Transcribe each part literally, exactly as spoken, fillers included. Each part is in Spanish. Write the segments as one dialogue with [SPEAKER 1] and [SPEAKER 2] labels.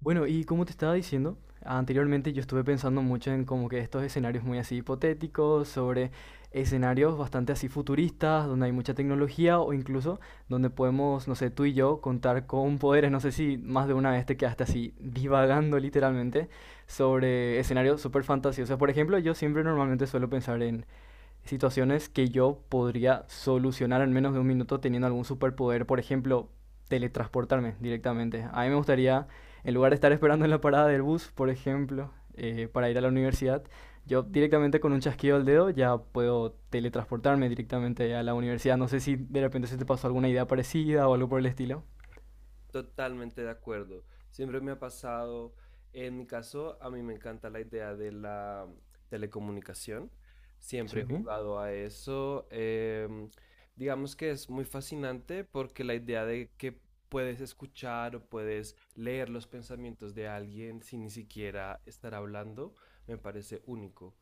[SPEAKER 1] Bueno, y como te estaba diciendo, anteriormente yo estuve pensando mucho en como que estos escenarios muy así hipotéticos, sobre escenarios bastante así futuristas, donde hay mucha tecnología o incluso donde podemos, no sé, tú y yo contar con poderes, no sé si más de una vez te quedaste así divagando literalmente sobre escenarios súper fantasiosos. Por ejemplo, yo siempre normalmente suelo pensar en situaciones que yo podría solucionar en menos de un minuto teniendo algún superpoder. Por ejemplo, teletransportarme directamente. A mí me gustaría, en lugar de estar esperando en la parada del bus, por ejemplo, eh, para ir a la universidad, yo directamente con un chasquido del dedo ya puedo teletransportarme directamente a la universidad. No sé si de repente se te pasó alguna idea parecida o algo por el estilo.
[SPEAKER 2] Totalmente de acuerdo. Siempre me ha pasado, en mi caso, a mí me encanta la idea de la mm, telecomunicación. Siempre he
[SPEAKER 1] Sí.
[SPEAKER 2] jugado a eso. Em, digamos que es muy fascinante porque la idea de que puedes escuchar o puedes leer los pensamientos de alguien sin ni siquiera estar hablando, me parece único.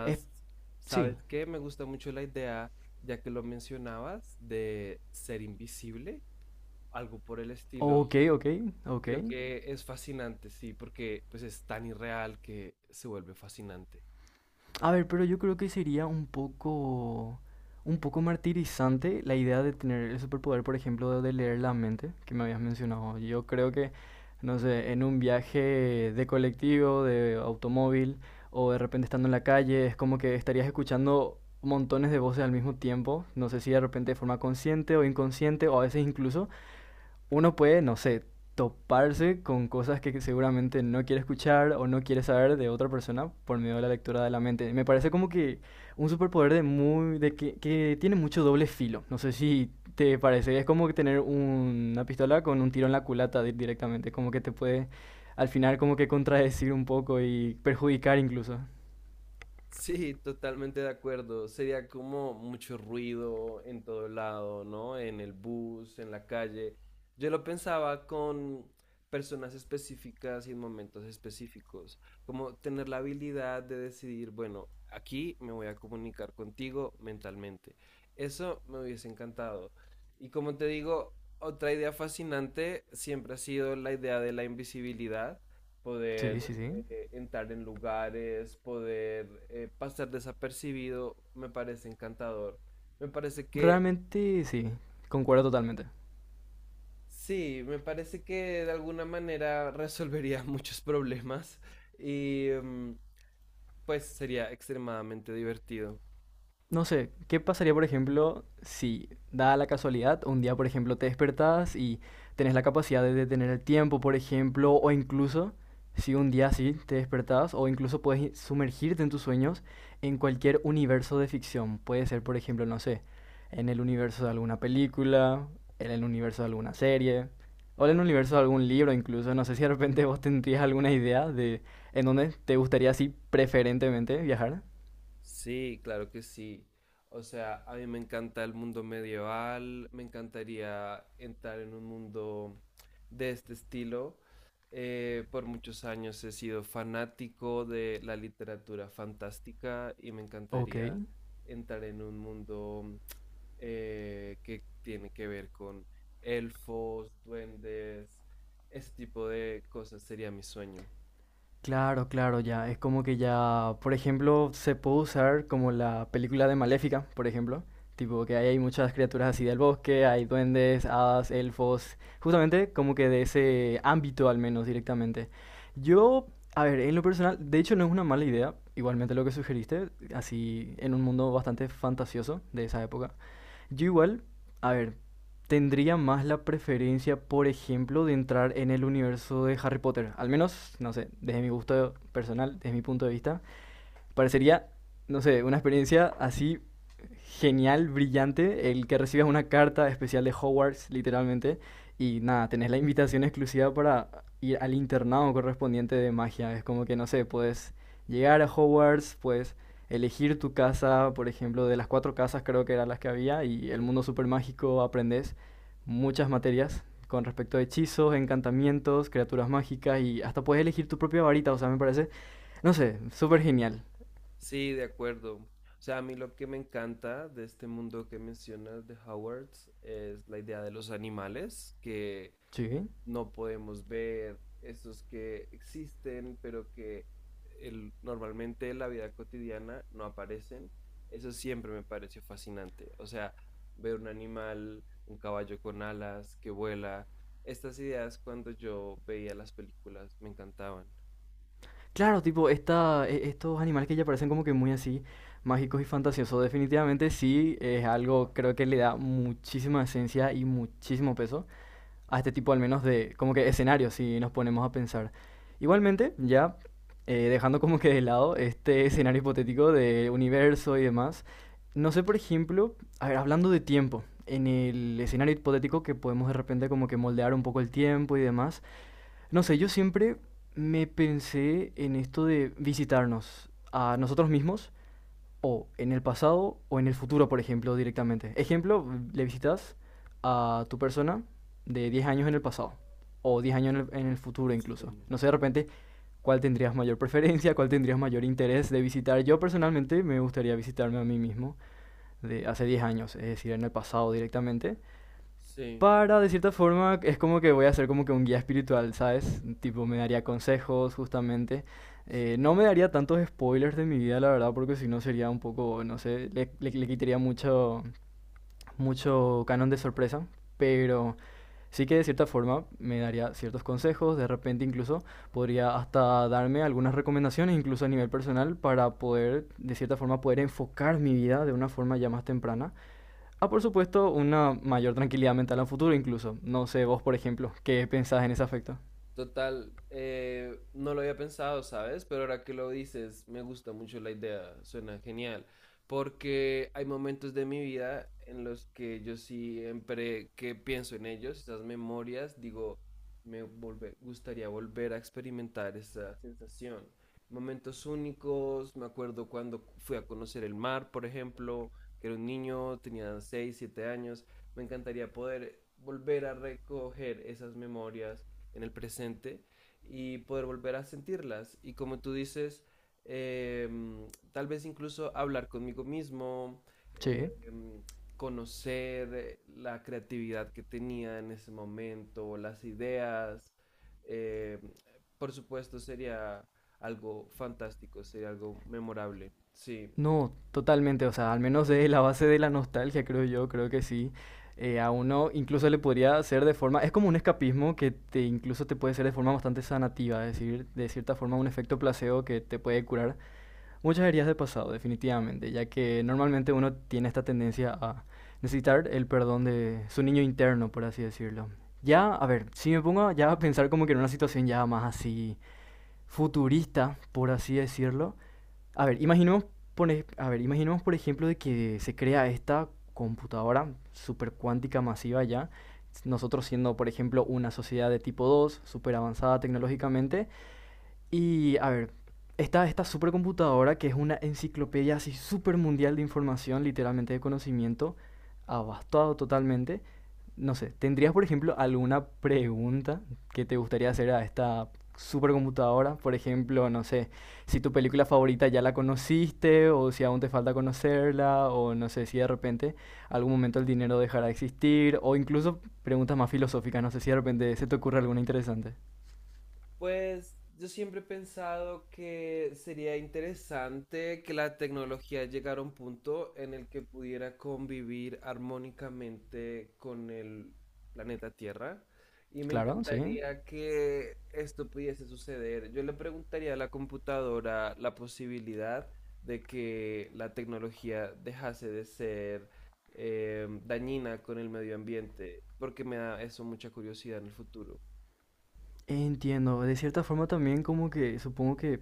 [SPEAKER 1] Es, sí.
[SPEAKER 2] ¿sabes qué? Me gusta mucho la idea, ya que lo mencionabas, de ser invisible algo por el estilo.
[SPEAKER 1] Ok, ok, ok.
[SPEAKER 2] Creo que es fascinante, sí, porque pues es tan irreal que se vuelve fascinante.
[SPEAKER 1] A ver, pero yo creo que sería un poco, un poco martirizante la idea de tener el superpoder, por ejemplo, de leer la mente, que me habías mencionado. Yo creo que, no sé, en un viaje de colectivo, de automóvil, o de repente estando en la calle, es como que estarías escuchando montones de voces al mismo tiempo, no sé si de repente de forma consciente o inconsciente, o a veces incluso uno puede, no sé, toparse con cosas que seguramente no quiere escuchar o no quiere saber de otra persona por medio de la lectura de la mente. Me parece como que un superpoder de muy de que, que tiene mucho doble filo. No sé si te parece, es como que tener un- una pistola con un tiro en la culata di- directamente, como que te puede al final como que contradecir un poco y perjudicar incluso.
[SPEAKER 2] Sí, totalmente de acuerdo. Sería como mucho ruido en todo lado, ¿no? En el bus, en la calle. Yo lo pensaba con personas específicas y en momentos específicos, como tener la habilidad de decidir, bueno, aquí me voy a comunicar contigo mentalmente. Eso me hubiese encantado. Y como te digo, otra idea fascinante siempre ha sido la idea de la invisibilidad,
[SPEAKER 1] Sí,
[SPEAKER 2] poder
[SPEAKER 1] sí, sí.
[SPEAKER 2] eh, entrar en lugares, poder eh, pasar desapercibido, me parece encantador. Me parece que,
[SPEAKER 1] Realmente sí, concuerdo totalmente.
[SPEAKER 2] sí, me parece que de alguna manera resolvería muchos problemas y mm, pues sería extremadamente divertido.
[SPEAKER 1] No sé, ¿qué pasaría, por ejemplo, si, dada la casualidad, un día, por ejemplo, te despertás y tenés la capacidad de detener el tiempo, por ejemplo, o incluso si un día sí te despertás, o incluso puedes i- sumergirte en tus sueños en cualquier universo de ficción? Puede ser, por ejemplo, no sé, en el universo de alguna película, en el universo de alguna serie, o en el universo de algún libro, incluso. No sé si de repente vos tendrías alguna idea de en dónde te gustaría, así, preferentemente viajar.
[SPEAKER 2] Sí, claro que sí. O sea, a mí me encanta el mundo medieval, me encantaría entrar en un mundo de este estilo. Eh, por muchos años he sido fanático de la literatura fantástica y me
[SPEAKER 1] Ok.
[SPEAKER 2] encantaría entrar en un mundo eh, que tiene que ver con elfos, duendes, ese tipo de cosas sería mi sueño.
[SPEAKER 1] Claro, claro, ya. Es como que ya, por ejemplo, se puede usar como la película de Maléfica, por ejemplo. Tipo que ahí hay muchas criaturas así del bosque, hay duendes, hadas, elfos, justamente como que de ese ámbito al menos directamente. Yo, a ver, en lo personal, de hecho no es una mala idea, igualmente lo que sugeriste, así en un mundo bastante fantasioso de esa época. Yo igual, a ver, tendría más la preferencia, por ejemplo, de entrar en el universo de Harry Potter. Al menos, no sé, desde mi gusto personal, desde mi punto de vista. Parecería, no sé, una experiencia así genial, brillante, el que recibas una carta especial de Hogwarts, literalmente, y nada, tenés la invitación exclusiva para ir al internado correspondiente de magia. Es como que, no sé, puedes llegar a Hogwarts, puedes elegir tu casa, por ejemplo, de las cuatro casas creo que eran las que había, y el
[SPEAKER 2] Sí.
[SPEAKER 1] mundo super mágico aprendes muchas materias con respecto a hechizos, encantamientos, criaturas mágicas y hasta puedes elegir tu propia varita, o sea, me parece, no sé, súper genial.
[SPEAKER 2] Sí, de acuerdo. O sea, a mí lo que me encanta de este mundo que mencionas de Howards es la idea de los animales que
[SPEAKER 1] Sí.
[SPEAKER 2] no podemos ver, esos que existen, pero que el- normalmente en la vida cotidiana no aparecen. Eso siempre me pareció fascinante. O sea, ver un animal, un caballo con alas que vuela. Estas ideas cuando yo veía las películas me encantaban.
[SPEAKER 1] Claro, tipo, esta, e- estos animales que ya parecen como que muy así, mágicos y fantasiosos, definitivamente sí es algo, creo que le da muchísima esencia y muchísimo peso a este tipo, al menos de, como que escenarios, si nos ponemos a pensar. Igualmente, ya eh, dejando como que de lado este escenario hipotético de universo y demás, no sé, por ejemplo, a ver, hablando de tiempo, en el escenario hipotético que podemos de repente como que moldear un poco el tiempo y demás. No sé, yo siempre me pensé en esto de visitarnos a nosotros mismos o en el pasado o en el futuro, por ejemplo, directamente. Ejemplo, le visitas a tu persona de diez años en el pasado o diez años en el, en el futuro
[SPEAKER 2] Sí,
[SPEAKER 1] incluso. No sé, de repente, cuál tendrías mayor preferencia, cuál tendrías mayor interés de visitar. Yo personalmente me gustaría visitarme a mí mismo de hace diez años, es decir, en el pasado directamente
[SPEAKER 2] sí.
[SPEAKER 1] para, de cierta forma, es como que voy a ser como que un guía espiritual, ¿sabes? Tipo, me daría consejos, justamente. Eh, no me daría tantos spoilers de mi vida, la verdad, porque si no sería un poco, no sé, le, le- le quitaría mucho, mucho canon de sorpresa. Pero sí que de cierta forma me daría ciertos consejos, de repente incluso podría hasta darme algunas recomendaciones, incluso a nivel personal, para poder, de cierta forma, poder enfocar mi vida de una forma ya más temprana a, por supuesto, una mayor tranquilidad mental a futuro incluso. No sé, vos, por ejemplo, ¿qué pensás en ese aspecto?
[SPEAKER 2] Total, eh, no lo había pensado, ¿sabes? Pero ahora que lo dices, me gusta mucho la idea, suena genial, porque hay momentos de mi vida en los que yo siempre que pienso en ellos, esas memorias, digo, me volve- gustaría volver a experimentar esa sensación. Momentos únicos, me acuerdo cuando fui a conocer el mar, por ejemplo, que era un niño, tenía seis, siete años, me encantaría poder volver a recoger esas memorias en el presente y poder volver a sentirlas. Y como tú dices, eh, tal vez incluso hablar conmigo mismo, eh,
[SPEAKER 1] Sí.
[SPEAKER 2] conocer la creatividad que tenía en ese momento, las ideas, eh, por supuesto sería algo fantástico, sería algo memorable. Sí.
[SPEAKER 1] No, totalmente, o sea, al menos de la base de la nostalgia, creo yo, creo que sí. Eh, a uno incluso le podría hacer de forma, es como un escapismo que te incluso te puede ser de forma bastante sanativa, es decir, de cierta forma un efecto placebo que te puede curar muchas heridas de pasado, definitivamente, ya que normalmente uno tiene esta tendencia a necesitar el perdón de su niño interno, por así decirlo. Ya, a ver, si me pongo ya a pensar como que en una situación ya más así futurista, por así decirlo. A ver, imaginemos, pone- a ver, imaginemos por ejemplo de que se crea esta computadora supercuántica masiva ya, nosotros siendo por ejemplo una sociedad de tipo dos súper avanzada tecnológicamente, y a ver, está esta supercomputadora que es una enciclopedia así super mundial de información, literalmente de conocimiento, abastado totalmente. No sé, ¿tendrías por ejemplo alguna pregunta que te gustaría hacer a esta supercomputadora? Por ejemplo, no sé, si tu película favorita ya la conociste o si aún te falta conocerla o no sé si de repente algún momento el dinero dejará de existir o incluso preguntas más filosóficas, no sé si de repente se te ocurre alguna interesante.
[SPEAKER 2] Pues yo siempre he pensado que sería interesante que la tecnología llegara a un punto en el que pudiera convivir armónicamente con el planeta Tierra y me
[SPEAKER 1] Claro, sí.
[SPEAKER 2] encantaría que esto pudiese suceder. Yo le preguntaría a la computadora la posibilidad de que la tecnología dejase de ser eh, dañina con el medio ambiente, porque me da eso mucha curiosidad en el futuro.
[SPEAKER 1] Entiendo, de cierta forma también como que supongo que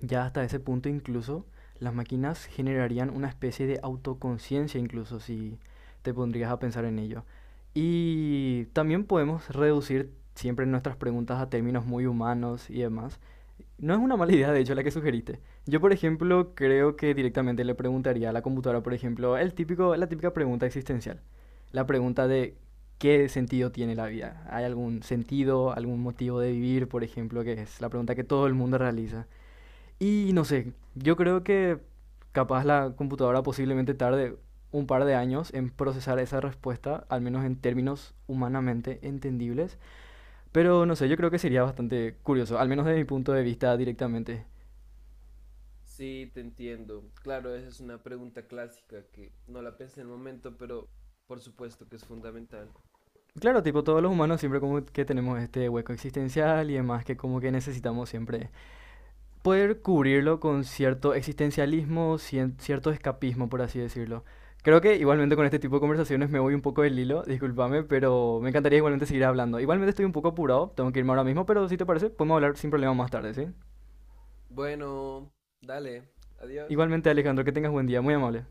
[SPEAKER 1] ya hasta ese punto incluso las máquinas generarían una especie de autoconciencia incluso si te pondrías a pensar en ello. Y también podemos reducir siempre nuestras preguntas a términos muy humanos y demás, no es una mala idea, de hecho, la que sugeriste. Yo, por ejemplo, creo que directamente le preguntaría a la computadora, por ejemplo, el típico, la típica pregunta existencial. La pregunta de ¿qué sentido tiene la vida? ¿Hay algún sentido, algún motivo de vivir, por ejemplo, que es la pregunta que todo el mundo realiza? Y no sé, yo creo que capaz la computadora posiblemente tarde un par de años en procesar esa respuesta, al menos en términos humanamente entendibles. Pero no sé, yo creo que sería bastante curioso, al menos desde mi punto de vista directamente.
[SPEAKER 2] Sí, te entiendo. Claro, esa es una pregunta clásica que no la pensé en el momento, pero por supuesto que es fundamental.
[SPEAKER 1] Claro, tipo, todos los humanos siempre como que tenemos este hueco existencial y demás que como que necesitamos siempre poder cubrirlo con cierto existencialismo, cien- cierto escapismo, por así decirlo. Creo que igualmente con este tipo de conversaciones me voy un poco del hilo, discúlpame, pero me encantaría igualmente seguir hablando. Igualmente estoy un poco apurado, tengo que irme ahora mismo, pero si te parece, podemos hablar sin problema más tarde, ¿sí?
[SPEAKER 2] Bueno, dale, adiós.
[SPEAKER 1] Igualmente, Alejandro, que tengas buen día, muy amable.